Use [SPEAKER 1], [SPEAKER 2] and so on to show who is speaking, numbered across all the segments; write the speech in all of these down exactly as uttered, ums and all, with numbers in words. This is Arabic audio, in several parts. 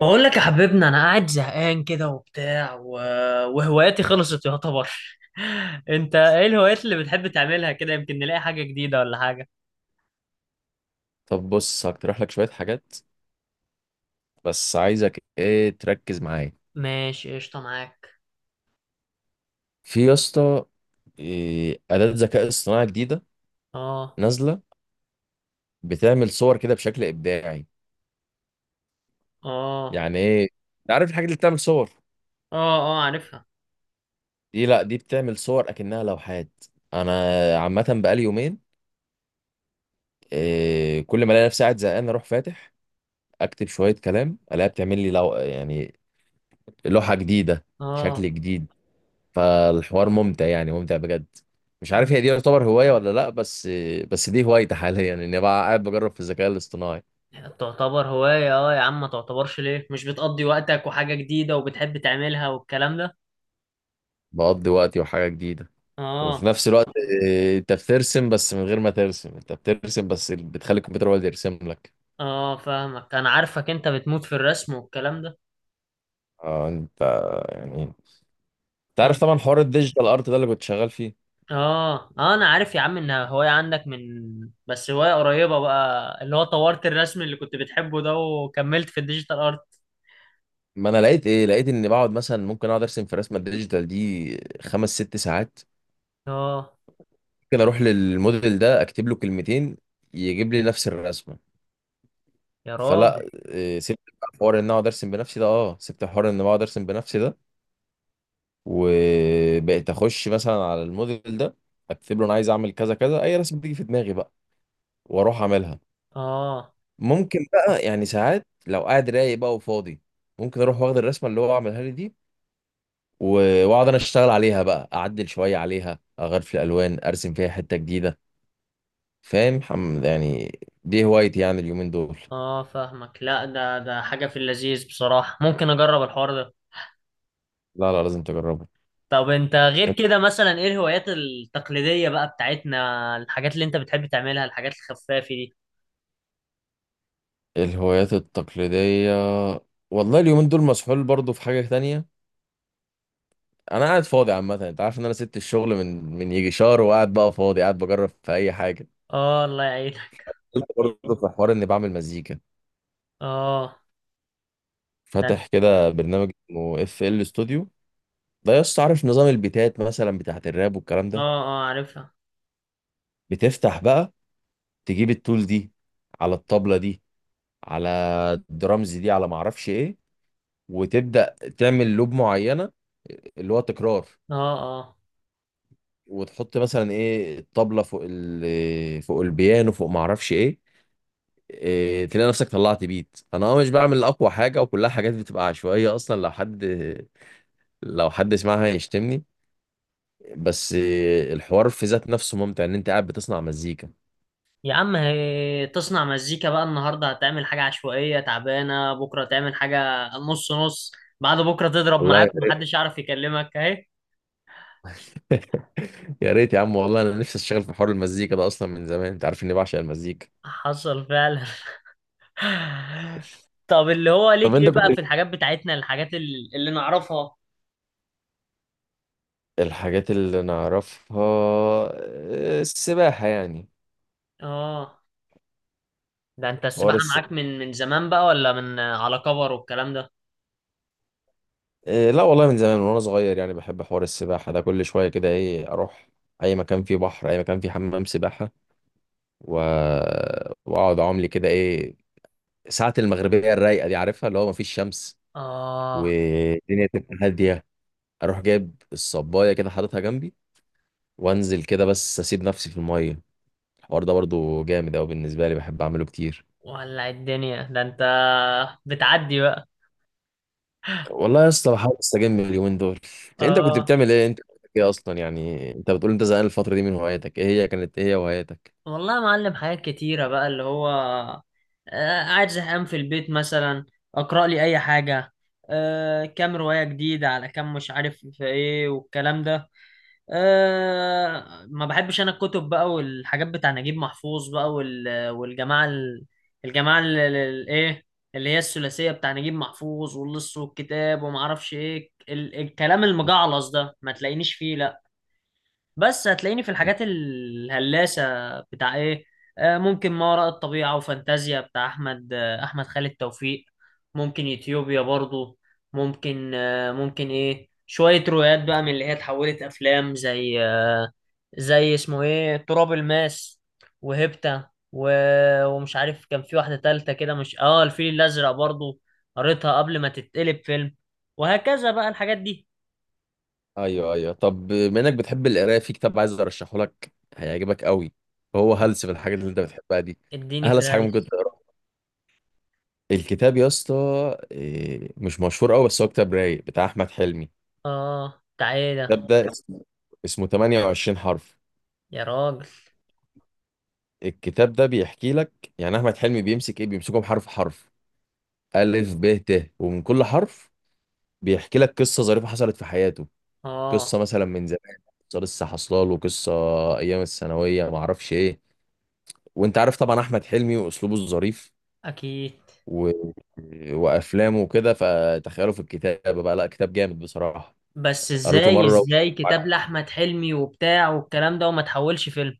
[SPEAKER 1] بقول لك يا حبيبنا انا قاعد زهقان كده وبتاع و... وهواياتي خلصت يعتبر. انت ايه الهوايات اللي بتحب تعملها كده؟ يمكن نلاقي حاجة جديدة ولا حاجة.
[SPEAKER 2] طب بص هقترح لك شوية حاجات. بس عايزك ايه تركز معايا
[SPEAKER 1] ماشي قشطة معاك.
[SPEAKER 2] في يا اسطى. إيه، أداة ذكاء اصطناعي جديدة
[SPEAKER 1] اه.
[SPEAKER 2] نازلة بتعمل صور كده بشكل إبداعي.
[SPEAKER 1] اه.
[SPEAKER 2] يعني ايه؟ أنت عارف الحاجة اللي بتعمل صور
[SPEAKER 1] اه. اه عارفها.
[SPEAKER 2] دي؟ لا، دي بتعمل صور أكنها لوحات. أنا عامة بقالي يومين، إيه، كل ما ألاقي نفسي قاعد زهقان أروح فاتح أكتب شوية كلام ألاقيها بتعمل لي لو... يعني لوحة جديدة، شكل
[SPEAKER 1] اه.
[SPEAKER 2] جديد. فالحوار ممتع، يعني ممتع بجد. مش
[SPEAKER 1] م.
[SPEAKER 2] عارف هي دي يعتبر هواية ولا لأ، بس بس دي هوايتي حاليا، إني بقى قاعد بجرب في الذكاء الاصطناعي.
[SPEAKER 1] تعتبر هواية اه يا عم، ما تعتبرش ليه؟ مش بتقضي وقتك وحاجة جديدة وبتحب تعملها والكلام ده.
[SPEAKER 2] بقضي وقتي وحاجة جديدة وفي
[SPEAKER 1] اه.
[SPEAKER 2] نفس الوقت. آه، أنت بترسم بس من غير ما ترسم، أنت بترسم بس بتخلي الكمبيوتر هو اللي يرسم لك.
[SPEAKER 1] اه فاهمك، انا عارفك انت بتموت في الرسم والكلام ده.
[SPEAKER 2] آه. أنت يعني أنت
[SPEAKER 1] آه.
[SPEAKER 2] عارف طبعا حوار الديجيتال أرت ده اللي كنت شغال فيه.
[SPEAKER 1] اه اه انا عارف يا عم ان هواية عندك من، بس هواية قريبة بقى اللي هو طورت الرسم اللي كنت بتحبه ده وكملت في الديجيتال ارت.
[SPEAKER 2] ما أنا لقيت إيه لقيت إني بقعد مثلا ممكن أقعد أرسم في رسمة الديجيتال دي خمس ست ساعات.
[SPEAKER 1] اه.
[SPEAKER 2] ممكن أروح للموديل ده أكتب له كلمتين يجيب لي نفس الرسمة.
[SPEAKER 1] يا راجل.
[SPEAKER 2] فلا إيه، سبت بقى حوار ان اقعد ارسم بنفسي ده، اه سبت حوار ان بقعد ارسم بنفسي ده، وبقيت اخش مثلا على الموديل ده اكتب له انا عايز اعمل كذا كذا، اي رسمه بتيجي في دماغي بقى واروح اعملها.
[SPEAKER 1] اه
[SPEAKER 2] ممكن بقى يعني ساعات لو قاعد رايق بقى وفاضي، ممكن اروح واخد الرسمه اللي هو عملها لي دي و- واقعد انا اشتغل عليها بقى، اعدل شويه عليها، اغير في الالوان، ارسم فيها حته جديده. فاهم؟ حم- يعني دي هوايتي يعني اليومين دول.
[SPEAKER 1] اه فاهمك. لا ده ده حاجة في اللذيذ بصراحة، ممكن اجرب الحوار ده.
[SPEAKER 2] لا لا، لازم تجربها.
[SPEAKER 1] طب انت غير كده مثلا ايه الهوايات التقليدية بقى بتاعتنا، الحاجات اللي انت بتحب تعملها، الحاجات الخفافة دي؟
[SPEAKER 2] الهوايات التقليدية، والله اليومين دول مسحول برضو في حاجة تانية. أنا قاعد فاضي عامة، أنت عارف إن أنا سبت الشغل من من يجي شهر وقاعد بقى فاضي قاعد بجرب في أي حاجة.
[SPEAKER 1] اه الله يعينك.
[SPEAKER 2] قلت برضو في حوار إني بعمل مزيكا،
[SPEAKER 1] اه. ده.
[SPEAKER 2] فاتح كده برنامج اسمه اف ال ستوديو. ده يا اسطى عارف نظام البيتات مثلا بتاعت الراب والكلام
[SPEAKER 1] اه
[SPEAKER 2] ده.
[SPEAKER 1] اه عارفها.
[SPEAKER 2] بتفتح بقى تجيب التول دي على الطبلة دي، على الدرامز دي، على معرفش إيه، وتبدأ تعمل لوب معينة، اللي هو تكرار.
[SPEAKER 1] اه. آه.
[SPEAKER 2] وتحط مثلا ايه الطبلة فوق ال فوق البيانو، فوق ما اعرفش ايه. إيه تلاقي نفسك طلعت بيت. انا اه مش بعمل اقوى حاجه، وكلها حاجات بتبقى عشوائيه، اصلا لو حد لو حد سمعها يشتمني. بس إيه، الحوار في ذات نفسه ممتع ان انت قاعد بتصنع مزيكا.
[SPEAKER 1] يا عم هي تصنع مزيكا بقى؟ النهارده هتعمل حاجة عشوائية تعبانة، بكرة تعمل حاجة نص نص، بعد بكرة تضرب
[SPEAKER 2] والله
[SPEAKER 1] معاك ومحدش يعرف يكلمك اهي.
[SPEAKER 2] يا ريت يا عم، والله انا نفسي اشتغل في حوار المزيكا ده اصلا من زمان، انت عارف اني بعشق المزيكا.
[SPEAKER 1] حصل فعلا. طب اللي هو
[SPEAKER 2] طب
[SPEAKER 1] ليك
[SPEAKER 2] انت
[SPEAKER 1] ايه بقى في
[SPEAKER 2] كنت،
[SPEAKER 1] الحاجات بتاعتنا، الحاجات ال- اللي نعرفها؟
[SPEAKER 2] الحاجات اللي نعرفها، آه، السباحه يعني.
[SPEAKER 1] اه. ده انت
[SPEAKER 2] حوار
[SPEAKER 1] السباحة
[SPEAKER 2] السباحه،
[SPEAKER 1] معاك من من زمان بقى ولا من على كبر والكلام ده؟
[SPEAKER 2] إيه لا والله من زمان، من وانا صغير يعني بحب حوار السباحه ده. كل شويه كده ايه اروح اي مكان فيه بحر، اي مكان فيه حمام سباحه، و... واقعد اعوم لي كده ايه. ساعه المغربيه الرايقه دي عارفها، اللي هو مفيش شمس
[SPEAKER 1] اه.
[SPEAKER 2] والدنيا تبقى هاديه. اروح جايب الصبايه كده حاططها جنبي وانزل كده بس اسيب نفسي في الميه. الحوار ده برضو جامد قوي بالنسبه لي، بحب اعمله كتير.
[SPEAKER 1] ولع الدنيا ده انت، بتعدي بقى.
[SPEAKER 2] والله يا اسطى بحاول استجم اليومين دول. انت إنت كنت
[SPEAKER 1] اه
[SPEAKER 2] بتعمل ايه؟ انت كنت ايه اصلا؟ يعني انت بتقول انت زهقان الفتره دي من هواياتك، ايه هي؟ كانت ايه هي هواياتك؟
[SPEAKER 1] والله يا معلم حاجات كتيرة بقى اللي هو آه، قاعد زهقان في البيت مثلا، اقرأ لي اي حاجة، آه، كام رواية جديدة على كام مش عارف في ايه والكلام ده. آه، ما بحبش انا الكتب بقى والحاجات بتاع نجيب محفوظ بقى وال- والجماعة ال- الجماعة ال- ال- ال- ايه، اللي هي الثلاثية بتاع نجيب محفوظ واللص والكتاب وما اعرفش ايه، ال- الكلام المجعلص ده ما تلاقينيش فيه. بس هتلاقيني في الحاجات الهلاسة. بتاع ايه؟ آه، ممكن ما وراء الطبيعة وفانتازيا بتاع احمد آه، احمد خالد توفيق. ممكن يوتيوبيا برضو. ممكن آه، ممكن ايه شوية روايات بقى من اللي هي اتحولت افلام، زي آه، زي اسمه ايه تراب الماس وهيبتا و... ومش عارف كان في واحدة تالتة كده، مش اه الفيل الازرق برضو، قريتها قبل ما تتقلب فيلم. وهكذا بقى الحاجات دي.
[SPEAKER 2] ايوه ايوه، طب بما انك بتحب القرايه، في كتاب عايز ارشحه لك، هيعجبك قوي. هو هلس في الحاجات اللي انت بتحبها دي.
[SPEAKER 1] اديني في
[SPEAKER 2] اهلس حاجه ممكن
[SPEAKER 1] الهلس.
[SPEAKER 2] تقراها. الكتاب يا اسطى إيه، مش مشهور قوي، بس هو كتاب رايق بتاع احمد حلمي.
[SPEAKER 1] اه تعالى.
[SPEAKER 2] الكتاب ده اسمه، اسمه ثمانية وعشرين حرف.
[SPEAKER 1] يا راجل.
[SPEAKER 2] الكتاب ده بيحكي لك، يعني احمد حلمي بيمسك ايه بيمسكهم حرف حرف، الف ب ت، ومن كل حرف بيحكي لك قصه ظريفه حصلت في حياته.
[SPEAKER 1] اه.
[SPEAKER 2] قصه مثلا من زمان، قصه لسه حصلاله، قصه ايام الثانويه، ما اعرفش ايه. وانت عارف طبعا احمد حلمي واسلوبه الظريف
[SPEAKER 1] اكيد.
[SPEAKER 2] و... وافلامه وكده، فتخيله في الكتابه بقى، لا كتاب جامد بصراحه.
[SPEAKER 1] بس
[SPEAKER 2] قريته
[SPEAKER 1] ازاي
[SPEAKER 2] مره.
[SPEAKER 1] ازاي كتاب لاحمد حلمي وبتاع والكلام ده وما تحولش فيلم؟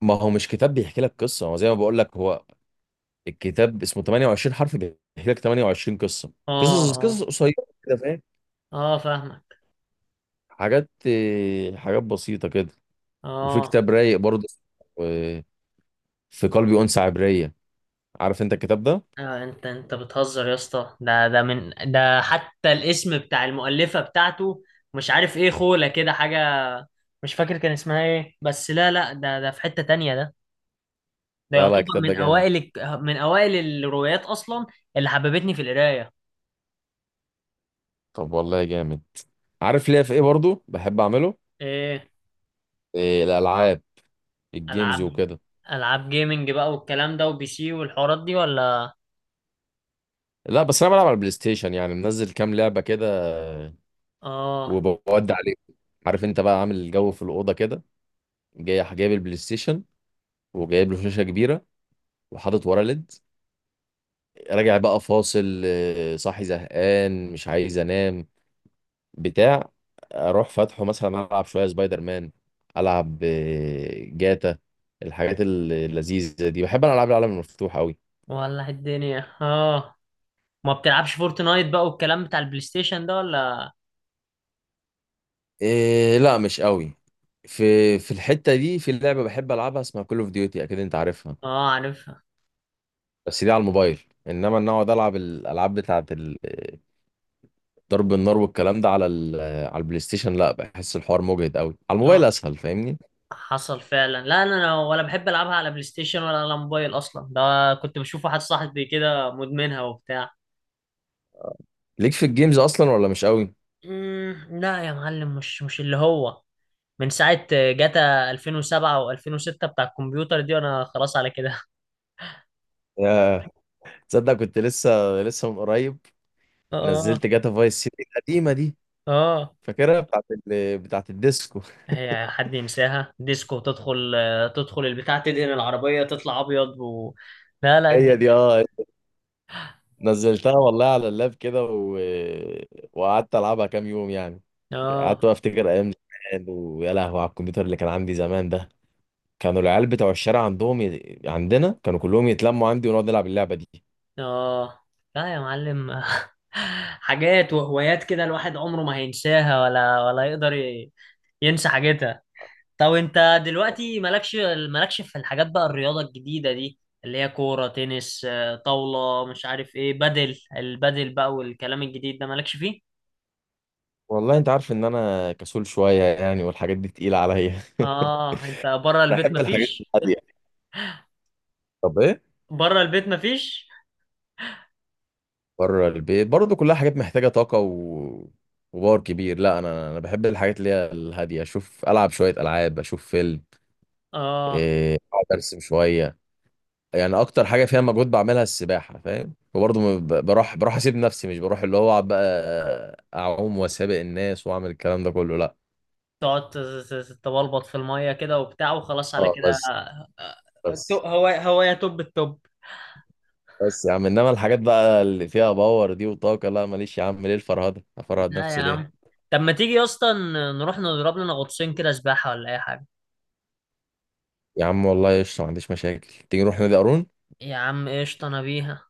[SPEAKER 2] ما هو مش كتاب بيحكي لك قصه، هو زي ما بقول لك، هو الكتاب اسمه ثمانية وعشرين حرف بيحكي لك ثمانية وعشرين قصه.
[SPEAKER 1] اه.
[SPEAKER 2] قصص
[SPEAKER 1] اه.
[SPEAKER 2] قصص قصيره كده، فاهم؟
[SPEAKER 1] اه فاهمك.
[SPEAKER 2] حاجات آه، حاجات بسيطه كده. وفي
[SPEAKER 1] اه.
[SPEAKER 2] كتاب رايق برضه، آه، في قلبي انثى عبريه. عارف انت الكتاب ده؟
[SPEAKER 1] آه، انت انت بتهزر يا اسطى، ده ده من، ده حتى الاسم بتاع المؤلفة بتاعته مش عارف ايه خولة كده حاجة، مش فاكر كان اسمها ايه، بس لا لا ده ده في حتة تانية ده، ده
[SPEAKER 2] لا لا،
[SPEAKER 1] يعتبر
[SPEAKER 2] الكتاب
[SPEAKER 1] من
[SPEAKER 2] ده جامد.
[SPEAKER 1] اوائل الك- من اوائل الروايات اصلا اللي حببتني في القراية.
[SPEAKER 2] طب والله جامد. عارف ليه في ايه برضه بحب اعمله؟
[SPEAKER 1] ايه؟
[SPEAKER 2] آه، الالعاب، الجيمز
[SPEAKER 1] العاب.
[SPEAKER 2] وكده.
[SPEAKER 1] العاب جيمنج بقى والكلام ده وبي سي والحوارات دي ولا؟
[SPEAKER 2] لا بس انا بلعب على البلاي ستيشن، يعني منزل كام لعبه كده
[SPEAKER 1] اه.
[SPEAKER 2] وبودي عليه. عارف انت بقى عامل الجو في الاوضه كده، جاي جايب البلاي ستيشن وجايب له شاشه كبيره وحاطط وراه ليد، راجع بقى فاصل، آه، صاحي زهقان مش عايز انام، بتاع، اروح فاتحه مثلا العب شويه سبايدر مان، العب آه، جاتا. الحاجات اللذيذه دي، بحب انا العاب العالم المفتوح قوي.
[SPEAKER 1] ولا الدنيا اه. ما بتلعبش فورتنايت بقى والكلام بتاع البلاي ستيشن ده ولا؟
[SPEAKER 2] إيه لا مش قوي. في في الحتة دي في لعبة بحب ألعبها اسمها كول اوف ديوتي، أكيد أنت عارفها.
[SPEAKER 1] اه عارفها.
[SPEAKER 2] بس دي على الموبايل. إنما إن أقعد ألعب الألعاب بتاعة ال- ضرب النار والكلام ده على ال- على البلاي ستيشن، لا بحس الحوار مجهد قوي، على
[SPEAKER 1] اه.
[SPEAKER 2] الموبايل أسهل، فاهمني.
[SPEAKER 1] حصل فعلا. لا انا، أنا ولا بحب العبها على بلاي ستيشن ولا على موبايل اصلا، ده كنت بشوف واحد صاحبي كده مدمنها وبتاع.
[SPEAKER 2] ليك في الجيمز أصلا ولا مش قوي؟
[SPEAKER 1] مم، لا يا معلم، مش مش اللي هو من ساعة جاتا ألفين وسبعة و2006 بتاع الكمبيوتر دي وانا خلاص على كده.
[SPEAKER 2] يا تصدق كنت لسه لسه من قريب
[SPEAKER 1] اه.
[SPEAKER 2] نزلت جاتا فايس سيتي القديمة دي،
[SPEAKER 1] اه
[SPEAKER 2] فاكرها بتاعة ال... بتاعة الديسكو.
[SPEAKER 1] هي حد ينساها؟ ديسكو تدخل آه، تدخل البتاع تدهن العربية تطلع أبيض و... لا لا
[SPEAKER 2] هي
[SPEAKER 1] الد-
[SPEAKER 2] دي اه. نزلتها والله على اللاب كده و... وقعدت العبها كام يوم يعني.
[SPEAKER 1] اه.
[SPEAKER 2] قعدت بقى افتكر ايام زمان، ويا لهوي على الكمبيوتر اللي كان عندي زمان ده. كانوا العيال بتوع الشارع عندهم ي... عندنا كانوا كلهم يتلموا عندي ونقعد نلعب اللعبه دي.
[SPEAKER 1] اه لا يا معلم. حاجات وهوايات كده الواحد عمره ما هينساها ولا ولا يقدر ي- ينسى حاجتها. طب انت دلوقتي مالكش مالكش في الحاجات بقى الرياضة الجديدة دي، اللي هي كورة تنس آه، طاولة مش عارف ايه بدل البدل بقى والكلام الجديد ده، مالكش فيه؟
[SPEAKER 2] والله انت عارف ان انا كسول شويه يعني، والحاجات دي تقيله عليا.
[SPEAKER 1] اه انت بره البيت
[SPEAKER 2] بحب الحاجات
[SPEAKER 1] مفيش؟
[SPEAKER 2] الهاديه. طب ايه.
[SPEAKER 1] بره البيت مفيش.
[SPEAKER 2] بره البيت برضه كلها حاجات محتاجه طاقه و... وباور كبير، لا انا انا بحب الحاجات اللي هي الهاديه، اشوف العب شويه العاب، اشوف فيلم،
[SPEAKER 1] اه
[SPEAKER 2] إيه، اقعد ارسم شويه. يعني اكتر حاجه فيها مجهود بعملها السباحه، فاهم. وبرضه ما ب- بروح بروح اسيب نفسي، مش بروح اللي هو أقعد بقى اعوم واسابق الناس واعمل الكلام ده كله، لا.
[SPEAKER 1] تقعد ت- ت- تبلبط في المية كده وبتاع وخلاص على
[SPEAKER 2] اه
[SPEAKER 1] كده
[SPEAKER 2] بس.
[SPEAKER 1] آه، آه، تو-
[SPEAKER 2] بس
[SPEAKER 1] هو هو يا توب التوب.
[SPEAKER 2] بس يا عم انما الحاجات بقى اللي فيها باور دي وطاقه، لا ماليش. يا عم ليه الفرهده؟ افرهد
[SPEAKER 1] لا يا
[SPEAKER 2] نفسي ليه؟
[SPEAKER 1] عم. طب ما تيجي يا اسطى ن- نروح نضرب لنا غطسين كده سباحة ولا أي حاجة؟
[SPEAKER 2] يا عم والله قشطه، ما عنديش مشاكل، تيجي نروح نادي قارون.
[SPEAKER 1] يا عم قشطة أنا بيها.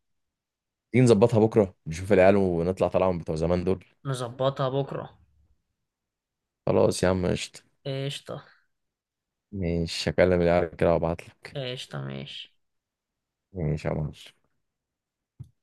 [SPEAKER 2] تيجي نظبطها بكره، نشوف العيال ونطلع طلعهم بتوع زمان دول.
[SPEAKER 1] نظبطها بكرة.
[SPEAKER 2] خلاص يا عم قشطه.
[SPEAKER 1] قشطة.
[SPEAKER 2] ماشي هكلم العيال كده وابعت لك.
[SPEAKER 1] قشطة ماشي.
[SPEAKER 2] ماشي يا معلم.